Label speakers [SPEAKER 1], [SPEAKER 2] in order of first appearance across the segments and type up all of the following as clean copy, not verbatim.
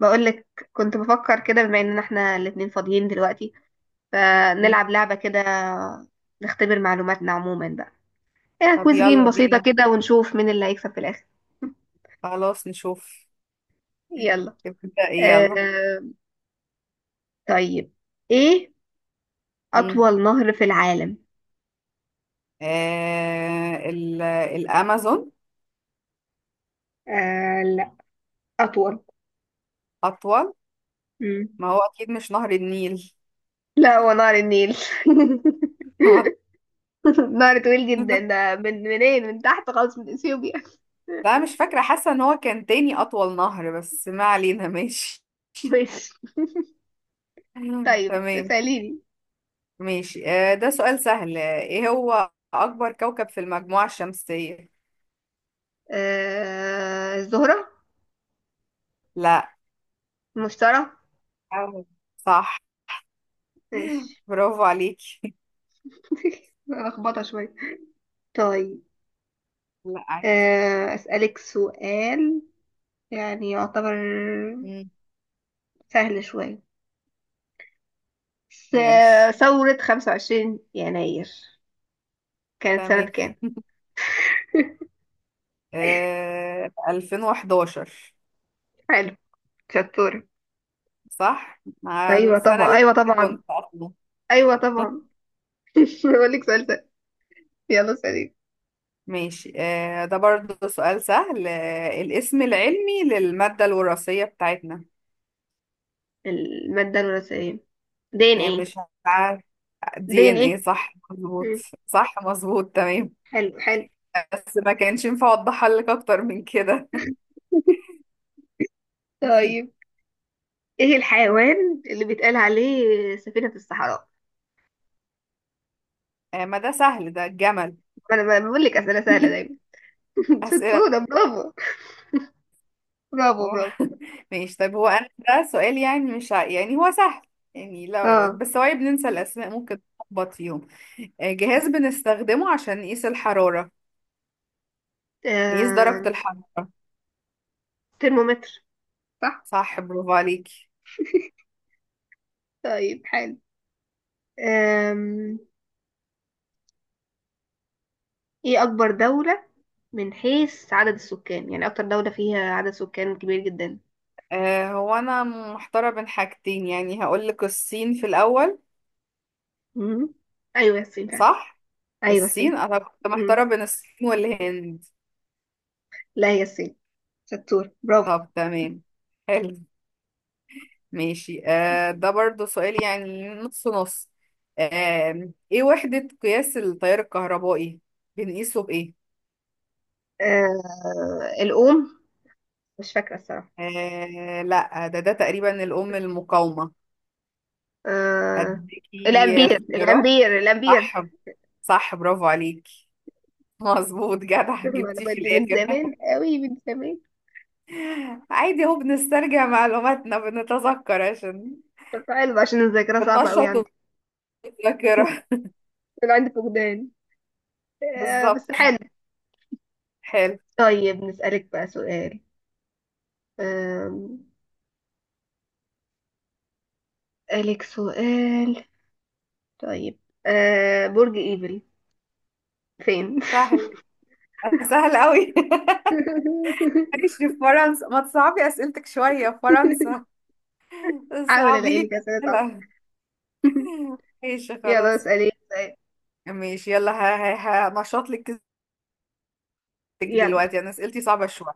[SPEAKER 1] بقولك، كنت بفكر كده بما اننا احنا الاتنين فاضيين دلوقتي،
[SPEAKER 2] مم.
[SPEAKER 1] فنلعب لعبة كده، نختبر معلوماتنا عموما بقى. ايه،
[SPEAKER 2] طب
[SPEAKER 1] كويز جيم
[SPEAKER 2] يلا
[SPEAKER 1] بسيطة
[SPEAKER 2] بينا.
[SPEAKER 1] كده ونشوف مين اللي هيكسب في الاخر.
[SPEAKER 2] خلاص نشوف.
[SPEAKER 1] يلا.
[SPEAKER 2] تبدأ ايه
[SPEAKER 1] آه
[SPEAKER 2] يلا؟
[SPEAKER 1] طيب ايه
[SPEAKER 2] مم.
[SPEAKER 1] اطول نهر في العالم؟
[SPEAKER 2] آه، الأمازون.
[SPEAKER 1] آه لا، أطول.
[SPEAKER 2] أطول.
[SPEAKER 1] مم.
[SPEAKER 2] ما هو أكيد مش نهر النيل.
[SPEAKER 1] لا، هو نهر النيل. نهر طويل جدا، ده من منين، من تحت خالص من اثيوبيا.
[SPEAKER 2] لا، مش فاكرة، حاسة ان هو كان تاني أطول نهر، بس ما علينا ماشي.
[SPEAKER 1] ماشي. طيب
[SPEAKER 2] تمام.
[SPEAKER 1] اسأليني.
[SPEAKER 2] ماشي. آه، ده سؤال سهل. ايه هو أكبر كوكب في المجموعة الشمسية؟
[SPEAKER 1] آه الزهرة.
[SPEAKER 2] لا.
[SPEAKER 1] مشترى.
[SPEAKER 2] أهو. صح.
[SPEAKER 1] ماشي.
[SPEAKER 2] برافو عليكي.
[SPEAKER 1] لخبطة شوية. طيب.
[SPEAKER 2] لا، عادي.
[SPEAKER 1] أسألك سؤال. يعني يعتبر
[SPEAKER 2] مم.
[SPEAKER 1] سهل شوية.
[SPEAKER 2] ماشي.
[SPEAKER 1] ثورة 25 يناير كانت سنة
[SPEAKER 2] تمام.
[SPEAKER 1] كام؟
[SPEAKER 2] آه، 2011.
[SPEAKER 1] حلو. شطورة.
[SPEAKER 2] صح؟ مع
[SPEAKER 1] أيوة
[SPEAKER 2] السنة
[SPEAKER 1] طبعا،
[SPEAKER 2] اللي
[SPEAKER 1] أيوة
[SPEAKER 2] اتولدت
[SPEAKER 1] طبعا،
[SPEAKER 2] وانت أصلا.
[SPEAKER 1] أيوة طبعا. بقول لك سؤال سهل. يلا سليم.
[SPEAKER 2] ماشي. آه، ده برضو سؤال سهل. الاسم العلمي للمادة الوراثية بتاعتنا؟
[SPEAKER 1] المادة الوراثية دي ان
[SPEAKER 2] يعني
[SPEAKER 1] ايه.
[SPEAKER 2] مش عارف.
[SPEAKER 1] دي
[SPEAKER 2] دي
[SPEAKER 1] ان
[SPEAKER 2] ان ايه،
[SPEAKER 1] ايه.
[SPEAKER 2] صح مظبوط.
[SPEAKER 1] مم.
[SPEAKER 2] صح مظبوط، تمام.
[SPEAKER 1] حلو، حلو.
[SPEAKER 2] بس ما كانش ينفع اوضحها لك اكتر من كده.
[SPEAKER 1] طيب، ايه الحيوان اللي بيتقال عليه سفينة الصحراء؟
[SPEAKER 2] آه، ما ده سهل، ده الجمل.
[SPEAKER 1] انا بقول لك اسئله سهله دايما.
[SPEAKER 2] أسئلة.
[SPEAKER 1] شطوره برافو. برافو
[SPEAKER 2] اه.
[SPEAKER 1] برافو.
[SPEAKER 2] ماشي. طيب، هو انا ده سؤال، يعني مش يعني هو سهل. يعني لا، بس
[SPEAKER 1] اه.
[SPEAKER 2] بس هو بننسى الاسماء، ممكن نخبط فيهم. جهاز بنستخدمه عشان نقيس الحرارة، نقيس
[SPEAKER 1] آم،
[SPEAKER 2] درجة الحرارة.
[SPEAKER 1] ترمومتر. صح.
[SPEAKER 2] صح، برافو عليكي.
[SPEAKER 1] طيب حلو. آم، ايه اكبر دوله من حيث عدد السكان؟ يعني اكتر دوله فيها عدد سكان كبير جدا.
[SPEAKER 2] هو انا محتارة بين حاجتين، يعني هقولك الصين في الاول.
[SPEAKER 1] مم. ايوه الصين فعلا.
[SPEAKER 2] صح.
[SPEAKER 1] ايوه
[SPEAKER 2] الصين،
[SPEAKER 1] الصين.
[SPEAKER 2] انا كنت
[SPEAKER 1] مم.
[SPEAKER 2] محتارة بين الصين والهند.
[SPEAKER 1] لا، هي الصين. شطور برافو.
[SPEAKER 2] طب تمام. حلو. ماشي. ده برضو سؤال يعني نص نص. ايه وحدة قياس التيار الكهربائي؟ بنقيسه بإيه؟
[SPEAKER 1] آه الأم، مش فاكرة الصراحة.
[SPEAKER 2] لا، ده تقريبا الأم المقاومة.
[SPEAKER 1] آه
[SPEAKER 2] أديكي
[SPEAKER 1] الأمبير،
[SPEAKER 2] اختيارات.
[SPEAKER 1] الأمبير، الأمبير.
[SPEAKER 2] صح. صح، برافو عليكي. مظبوط، جدع، جبتيه
[SPEAKER 1] المعلومات
[SPEAKER 2] في
[SPEAKER 1] دي من
[SPEAKER 2] الآخر.
[SPEAKER 1] زمان قوي، من زمان.
[SPEAKER 2] عادي، اهو بنسترجع معلوماتنا، بنتذكر عشان
[SPEAKER 1] طب حلو، عشان الذاكرة صعبة قوي عندي.
[SPEAKER 2] بننشط الذاكرة.
[SPEAKER 1] انا عندي فقدان. آه، بس
[SPEAKER 2] بالظبط.
[SPEAKER 1] حلو.
[SPEAKER 2] حلو.
[SPEAKER 1] طيب نسألك بقى سؤال. آم، أسألك سؤال. طيب. برج ايفل فين؟
[SPEAKER 2] سهل. سهل قوي. عايش في فرنسا، ما تصعبي أسئلتك شوية. فرنسا.
[SPEAKER 1] حاول
[SPEAKER 2] صعبي
[SPEAKER 1] الاقي
[SPEAKER 2] لي
[SPEAKER 1] لك أسئلة صعبة.
[SPEAKER 2] الأسئلة. ماشي
[SPEAKER 1] يلا
[SPEAKER 2] خلاص.
[SPEAKER 1] اسألي سؤال.
[SPEAKER 2] ماشي، يلا، هنشط لك كذبتك.
[SPEAKER 1] يلا
[SPEAKER 2] دلوقتي أنا أسئلتي صعبة شوية.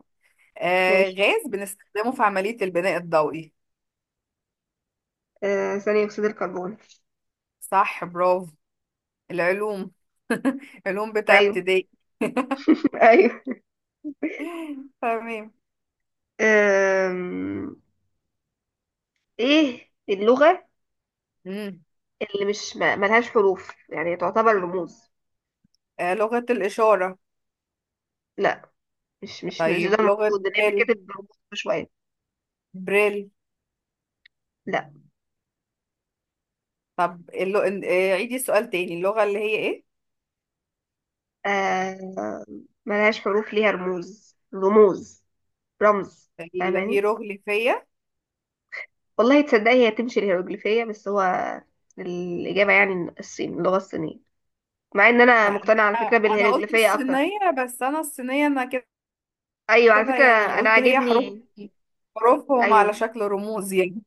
[SPEAKER 1] ماشي.
[SPEAKER 2] غاز بنستخدمه في عملية البناء الضوئي.
[SPEAKER 1] آه، ثاني أكسيد الكربون.
[SPEAKER 2] صح، برافو. العلوم، علوم بتاع
[SPEAKER 1] أيوه.
[SPEAKER 2] ابتدائي.
[SPEAKER 1] أيوه.
[SPEAKER 2] تمام.
[SPEAKER 1] آم، إيه اللغة
[SPEAKER 2] مم.
[SPEAKER 1] اللي مش ملهاش حروف يعني تعتبر رموز؟
[SPEAKER 2] لغة الإشارة.
[SPEAKER 1] لا، مش ده
[SPEAKER 2] طيب، لغة
[SPEAKER 1] المقصود، اللي هي
[SPEAKER 2] بريل.
[SPEAKER 1] فكرة الرموز. شوية.
[SPEAKER 2] بريل.
[SPEAKER 1] لا
[SPEAKER 2] طب اللو... آه عيدي السؤال تاني. اللغة اللي هي إيه؟
[SPEAKER 1] آه، ملهاش حروف، ليها رموز رموز رمز. فاهماني،
[SPEAKER 2] الهيروغليفية.
[SPEAKER 1] والله تصدقي هي تمشي الهيروغليفية، بس هو الإجابة يعني الصين، اللغة الصينية. مع إن أنا
[SPEAKER 2] ما
[SPEAKER 1] مقتنعة على فكرة
[SPEAKER 2] انا أنا قلت
[SPEAKER 1] بالهيروغليفية أكتر.
[SPEAKER 2] الصينية، بس انا الصينية انا كده،
[SPEAKER 1] أيوة على
[SPEAKER 2] كده
[SPEAKER 1] فكرة.
[SPEAKER 2] يعني
[SPEAKER 1] أنا
[SPEAKER 2] قلت هي حروف،
[SPEAKER 1] عاجبني.
[SPEAKER 2] حروفهم على
[SPEAKER 1] أيوة،
[SPEAKER 2] شكل رموز يعني.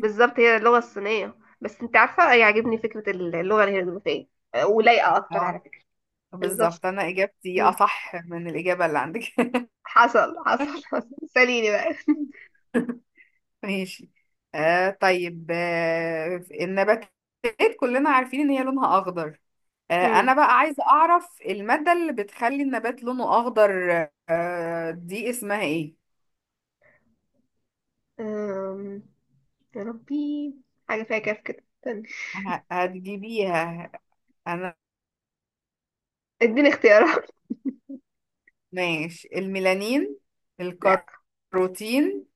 [SPEAKER 1] بالظبط هي اللغة الصينية، بس أنت عارفة أي عاجبني فكرة اللغة الهيروغليفية. ولايقة أكتر على
[SPEAKER 2] اه،
[SPEAKER 1] فكرة. بالظبط.
[SPEAKER 2] بالظبط، انا اجابتي
[SPEAKER 1] مم.
[SPEAKER 2] اصح من الاجابة اللي عندك.
[SPEAKER 1] حصل، حصل، حصل. سأليني بقى.
[SPEAKER 2] ماشي. طيب. النباتات، كلنا عارفين ان هي لونها اخضر.
[SPEAKER 1] مم.
[SPEAKER 2] انا بقى عايزة اعرف المادة اللي بتخلي النبات لونه اخضر. دي اسمها ايه؟
[SPEAKER 1] أم... يا ربي، حاجة فيها كاف كده، استنى.
[SPEAKER 2] هتجيبيها. انا،
[SPEAKER 1] اديني اختيارات.
[SPEAKER 2] ماشي، الميلانين،
[SPEAKER 1] لا،
[SPEAKER 2] الكاروتين،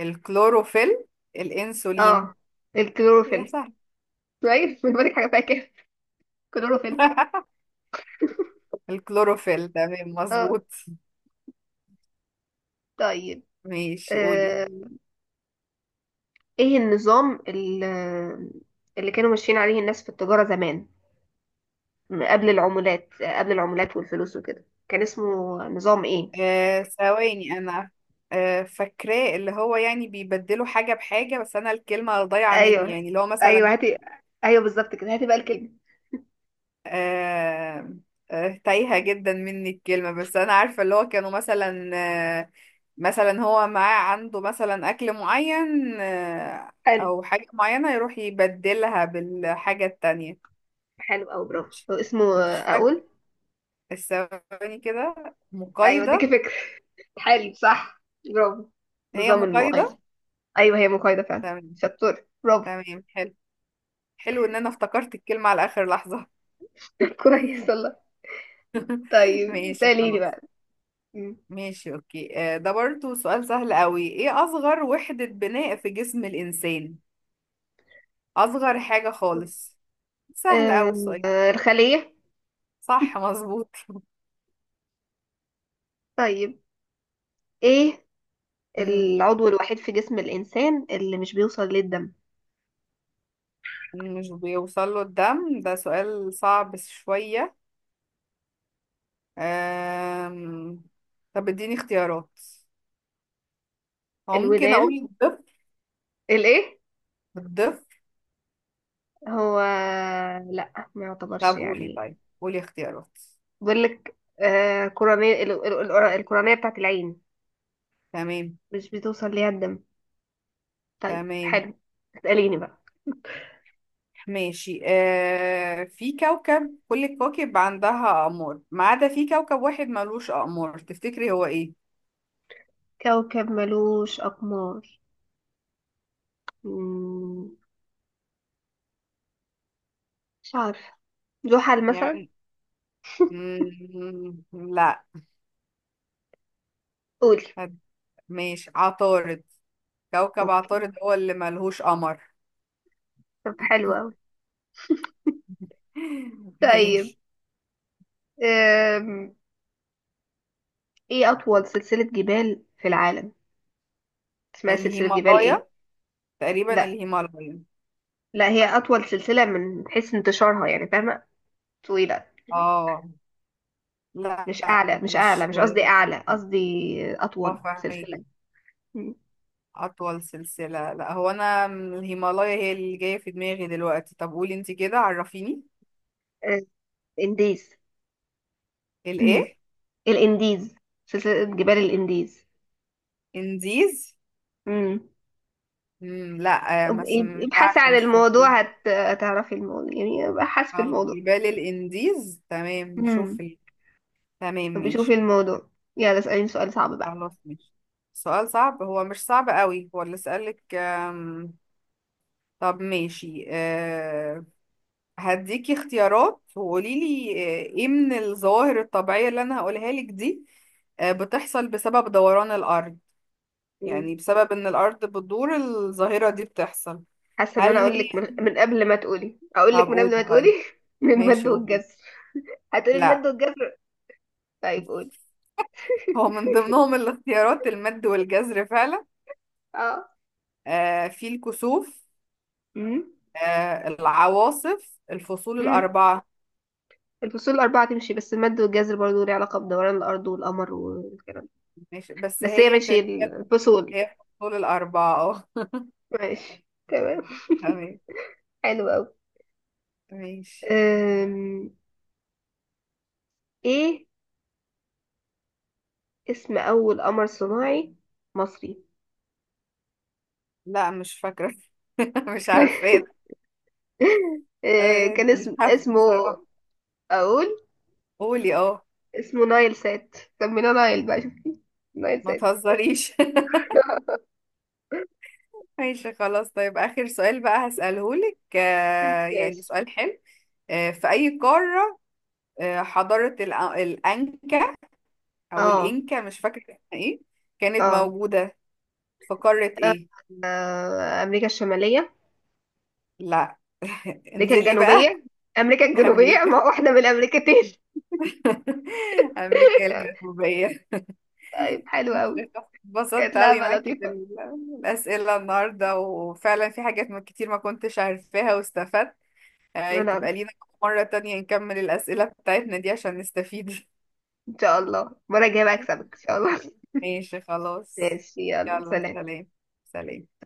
[SPEAKER 2] الكلوروفيل،
[SPEAKER 1] اه
[SPEAKER 2] الانسولين. يا
[SPEAKER 1] الكلوروفيل.
[SPEAKER 2] سهل.
[SPEAKER 1] كويس، من بالك؟ حاجة فيها كاف، كلوروفيل.
[SPEAKER 2] الكلوروفيل، تمام،
[SPEAKER 1] اه.
[SPEAKER 2] مظبوط.
[SPEAKER 1] طيب.
[SPEAKER 2] ماشي، قولي.
[SPEAKER 1] أم... ايه النظام اللي كانوا ماشيين عليه الناس في التجارة زمان؟ قبل العمولات والفلوس وكده، كان اسمه نظام ايه؟
[SPEAKER 2] ثواني، انا فاكراه، اللي هو يعني بيبدلوا حاجة بحاجة، بس انا الكلمة ضايعة مني،
[SPEAKER 1] ايوه،
[SPEAKER 2] يعني اللي هو مثلا
[SPEAKER 1] ايوه، هاتي. ايوه، بالظبط كده، هاتي بقى الكلمة.
[SPEAKER 2] آه، تايهة جدا مني الكلمة، بس أنا عارفة اللي هو كانوا مثلا، آه، مثلا هو معاه عنده مثلا أكل معين،
[SPEAKER 1] حلو،
[SPEAKER 2] أو حاجة معينة يروح يبدلها بالحاجة التانية.
[SPEAKER 1] حلو قوي، برافو.
[SPEAKER 2] مش
[SPEAKER 1] هو اسمه
[SPEAKER 2] مش فاكرة
[SPEAKER 1] اقول؟
[SPEAKER 2] الثواني كده.
[SPEAKER 1] ايوه، اديكي
[SPEAKER 2] مقايضة.
[SPEAKER 1] فكرة. حلو، صح، برافو.
[SPEAKER 2] هي
[SPEAKER 1] نظام المؤايدة.
[SPEAKER 2] مقايضة.
[SPEAKER 1] أيوه هي مقايضة فعلا،
[SPEAKER 2] تمام.
[SPEAKER 1] شطور برافو.
[SPEAKER 2] تمام، حلو. حلو إن أنا افتكرت الكلمة على آخر لحظة.
[SPEAKER 1] كويس والله. طيب
[SPEAKER 2] ماشي
[SPEAKER 1] سأليني
[SPEAKER 2] خلاص.
[SPEAKER 1] بقى. مم.
[SPEAKER 2] ماشي، اوكي. ده برضو سؤال سهل قوي. ايه اصغر وحدة بناء في جسم الانسان؟ اصغر حاجة خالص، سهل قوي السؤال.
[SPEAKER 1] آه، الخلية.
[SPEAKER 2] صح، مظبوط.
[SPEAKER 1] طيب، إيه
[SPEAKER 2] مم،
[SPEAKER 1] العضو الوحيد في جسم الإنسان اللي مش بيوصل للدم؟
[SPEAKER 2] مش بيوصل له الدم؟ ده سؤال صعب شوية. أم... طب اديني اختيارات، هو ممكن اقول
[SPEAKER 1] الودان.
[SPEAKER 2] الضفر.
[SPEAKER 1] الإيه؟
[SPEAKER 2] الضفر.
[SPEAKER 1] هو لأ، ما يعتبرش
[SPEAKER 2] طب قولي،
[SPEAKER 1] يعني.
[SPEAKER 2] طيب قولي اختيارات.
[SPEAKER 1] بقول لك كورانية الكورانية بتاعت العين،
[SPEAKER 2] تمام.
[SPEAKER 1] مش بتوصل ليها الدم. طيب
[SPEAKER 2] تمام.
[SPEAKER 1] حلو. اسأليني بقى.
[SPEAKER 2] ماشي. في كوكب، كل الكواكب عندها أقمار ما عدا في كوكب واحد ملوش أقمار، تفتكري هو إيه؟
[SPEAKER 1] كوكب ملوش أقمار؟ مم، مش عارفة. زحل مثلا؟
[SPEAKER 2] يعني لا.
[SPEAKER 1] قولي.
[SPEAKER 2] هد- ماشي، عطارد. كوكب
[SPEAKER 1] اوكي.
[SPEAKER 2] عطارد هو اللي ملهوش قمر.
[SPEAKER 1] طب حلو اوي. طيب.
[SPEAKER 2] ماشي،
[SPEAKER 1] أم... ايه اطول سلسلة جبال في العالم؟ اسمها سلسلة جبال ايه؟
[SPEAKER 2] الهيمالايا، تقريبا
[SPEAKER 1] لا،
[SPEAKER 2] الهيمالايا.
[SPEAKER 1] لا، هي اطول سلسلة من حيث انتشارها يعني، فاهمة؟ طويلة،
[SPEAKER 2] اه، لا،
[SPEAKER 1] مش اعلى،
[SPEAKER 2] مش
[SPEAKER 1] مش قصدي اعلى، قصدي
[SPEAKER 2] اه،
[SPEAKER 1] اطول
[SPEAKER 2] فاهمك.
[SPEAKER 1] سلسلة. مم.
[SPEAKER 2] أطول سلسلة، لا، هو أنا من الهيمالايا هي اللي جاية في دماغي دلوقتي. طب قولي انتي كده، عرفيني.
[SPEAKER 1] أه، انديز. مم.
[SPEAKER 2] الإيه؟
[SPEAKER 1] الانديز. سلسلة جبال الانديز.
[SPEAKER 2] إنديز.
[SPEAKER 1] مم.
[SPEAKER 2] مم، لا، بس
[SPEAKER 1] اب-
[SPEAKER 2] مش
[SPEAKER 1] ابحثي
[SPEAKER 2] عارفة،
[SPEAKER 1] عن
[SPEAKER 2] مش فاكرة.
[SPEAKER 1] الموضوع، هتعرفي الموضوع، يعني ابحث في
[SPEAKER 2] خلاص،
[SPEAKER 1] الموضوع.
[SPEAKER 2] جبال الإنديز، تمام، نشوف
[SPEAKER 1] امم
[SPEAKER 2] ال... تمام
[SPEAKER 1] طب شوفي
[SPEAKER 2] ماشي.
[SPEAKER 1] الموضوع. يلا اسأليني سؤال صعب بقى.
[SPEAKER 2] خلاص ماشي. سؤال صعب، هو مش صعب قوي، هو اللي سألك. طب ماشي. هديكي اختيارات وقوليلي، ايه من الظواهر الطبيعية اللي أنا هقولها لك دي، بتحصل بسبب دوران الأرض،
[SPEAKER 1] مم.
[SPEAKER 2] يعني بسبب ان الارض بتدور الظاهرة دي بتحصل.
[SPEAKER 1] حاسة ان انا
[SPEAKER 2] هل
[SPEAKER 1] اقول
[SPEAKER 2] هي،
[SPEAKER 1] لك من قبل ما تقولي، اقول لك
[SPEAKER 2] طب
[SPEAKER 1] من قبل
[SPEAKER 2] قولي
[SPEAKER 1] ما تقولي.
[SPEAKER 2] طيب.
[SPEAKER 1] من المد
[SPEAKER 2] ماشي، قولي.
[SPEAKER 1] والجزر. هتقولي المد
[SPEAKER 2] لا،
[SPEAKER 1] والجزر؟ طيب قولي.
[SPEAKER 2] هو من ضمنهم الاختيارات المد والجزر فعلا،
[SPEAKER 1] اه.
[SPEAKER 2] في الكسوف،
[SPEAKER 1] امم.
[SPEAKER 2] العواصف، الفصول
[SPEAKER 1] امم.
[SPEAKER 2] الأربعة.
[SPEAKER 1] الفصول الأربعة تمشي، بس المد والجزر برضه ليه علاقة بدوران الأرض والقمر والكلام ده.
[SPEAKER 2] ماشي، بس
[SPEAKER 1] بس هي
[SPEAKER 2] هي
[SPEAKER 1] ماشي
[SPEAKER 2] هي،
[SPEAKER 1] الفصول.
[SPEAKER 2] هي الفصول الأربعة. اه.
[SPEAKER 1] ماشي تمام.
[SPEAKER 2] تمام،
[SPEAKER 1] حلو أوي.
[SPEAKER 2] ماشي.
[SPEAKER 1] أم... ايه اسم أول قمر صناعي مصري؟
[SPEAKER 2] لا، مش فاكرة. مش عارفة.
[SPEAKER 1] أه، كان
[SPEAKER 2] مش
[SPEAKER 1] اسم
[SPEAKER 2] حافتي
[SPEAKER 1] اسمه
[SPEAKER 2] صراحة.
[SPEAKER 1] أقول.
[SPEAKER 2] قولي، اه.
[SPEAKER 1] اسمه نايل سات. سميناه نايل بقى، شوف، نايل
[SPEAKER 2] ما
[SPEAKER 1] سات.
[SPEAKER 2] تهزريش. ماشي خلاص. طيب آخر سؤال بقى هسأله لك، يعني
[SPEAKER 1] ماشي.
[SPEAKER 2] سؤال حلو. في أي قارة حضارة الأنكا، أو
[SPEAKER 1] اه،
[SPEAKER 2] الإنكا، مش فاكرة اسمها إيه، كانت
[SPEAKER 1] اه.
[SPEAKER 2] موجودة في قارة إيه؟
[SPEAKER 1] آه، امريكا الشماليه.
[SPEAKER 2] لا.
[SPEAKER 1] امريكا
[SPEAKER 2] انزلي بقى.
[SPEAKER 1] الجنوبيه. امريكا الجنوبيه،
[SPEAKER 2] أمريكا،
[SPEAKER 1] ما هو احنا من الامريكتين.
[SPEAKER 2] أمريكا الجنوبية.
[SPEAKER 1] طيب حلو قوي. كانت
[SPEAKER 2] اتبسطت أوي
[SPEAKER 1] لعبه
[SPEAKER 2] معاكي
[SPEAKER 1] لطيفه.
[SPEAKER 2] بالأسئلة النهاردة، وفعلا في حاجات كتير ما كنتش عارفاها واستفدت.
[SPEAKER 1] انا
[SPEAKER 2] تبقى
[SPEAKER 1] اكتر.
[SPEAKER 2] لينا مرة تانية نكمل الأسئلة بتاعتنا دي عشان نستفيد.
[SPEAKER 1] ان شاء الله المره الجايه بقى اكسبك ان شاء الله.
[SPEAKER 2] ماشي خلاص.
[SPEAKER 1] ماشي يلا
[SPEAKER 2] يلا
[SPEAKER 1] سلام.
[SPEAKER 2] سلام. سلام.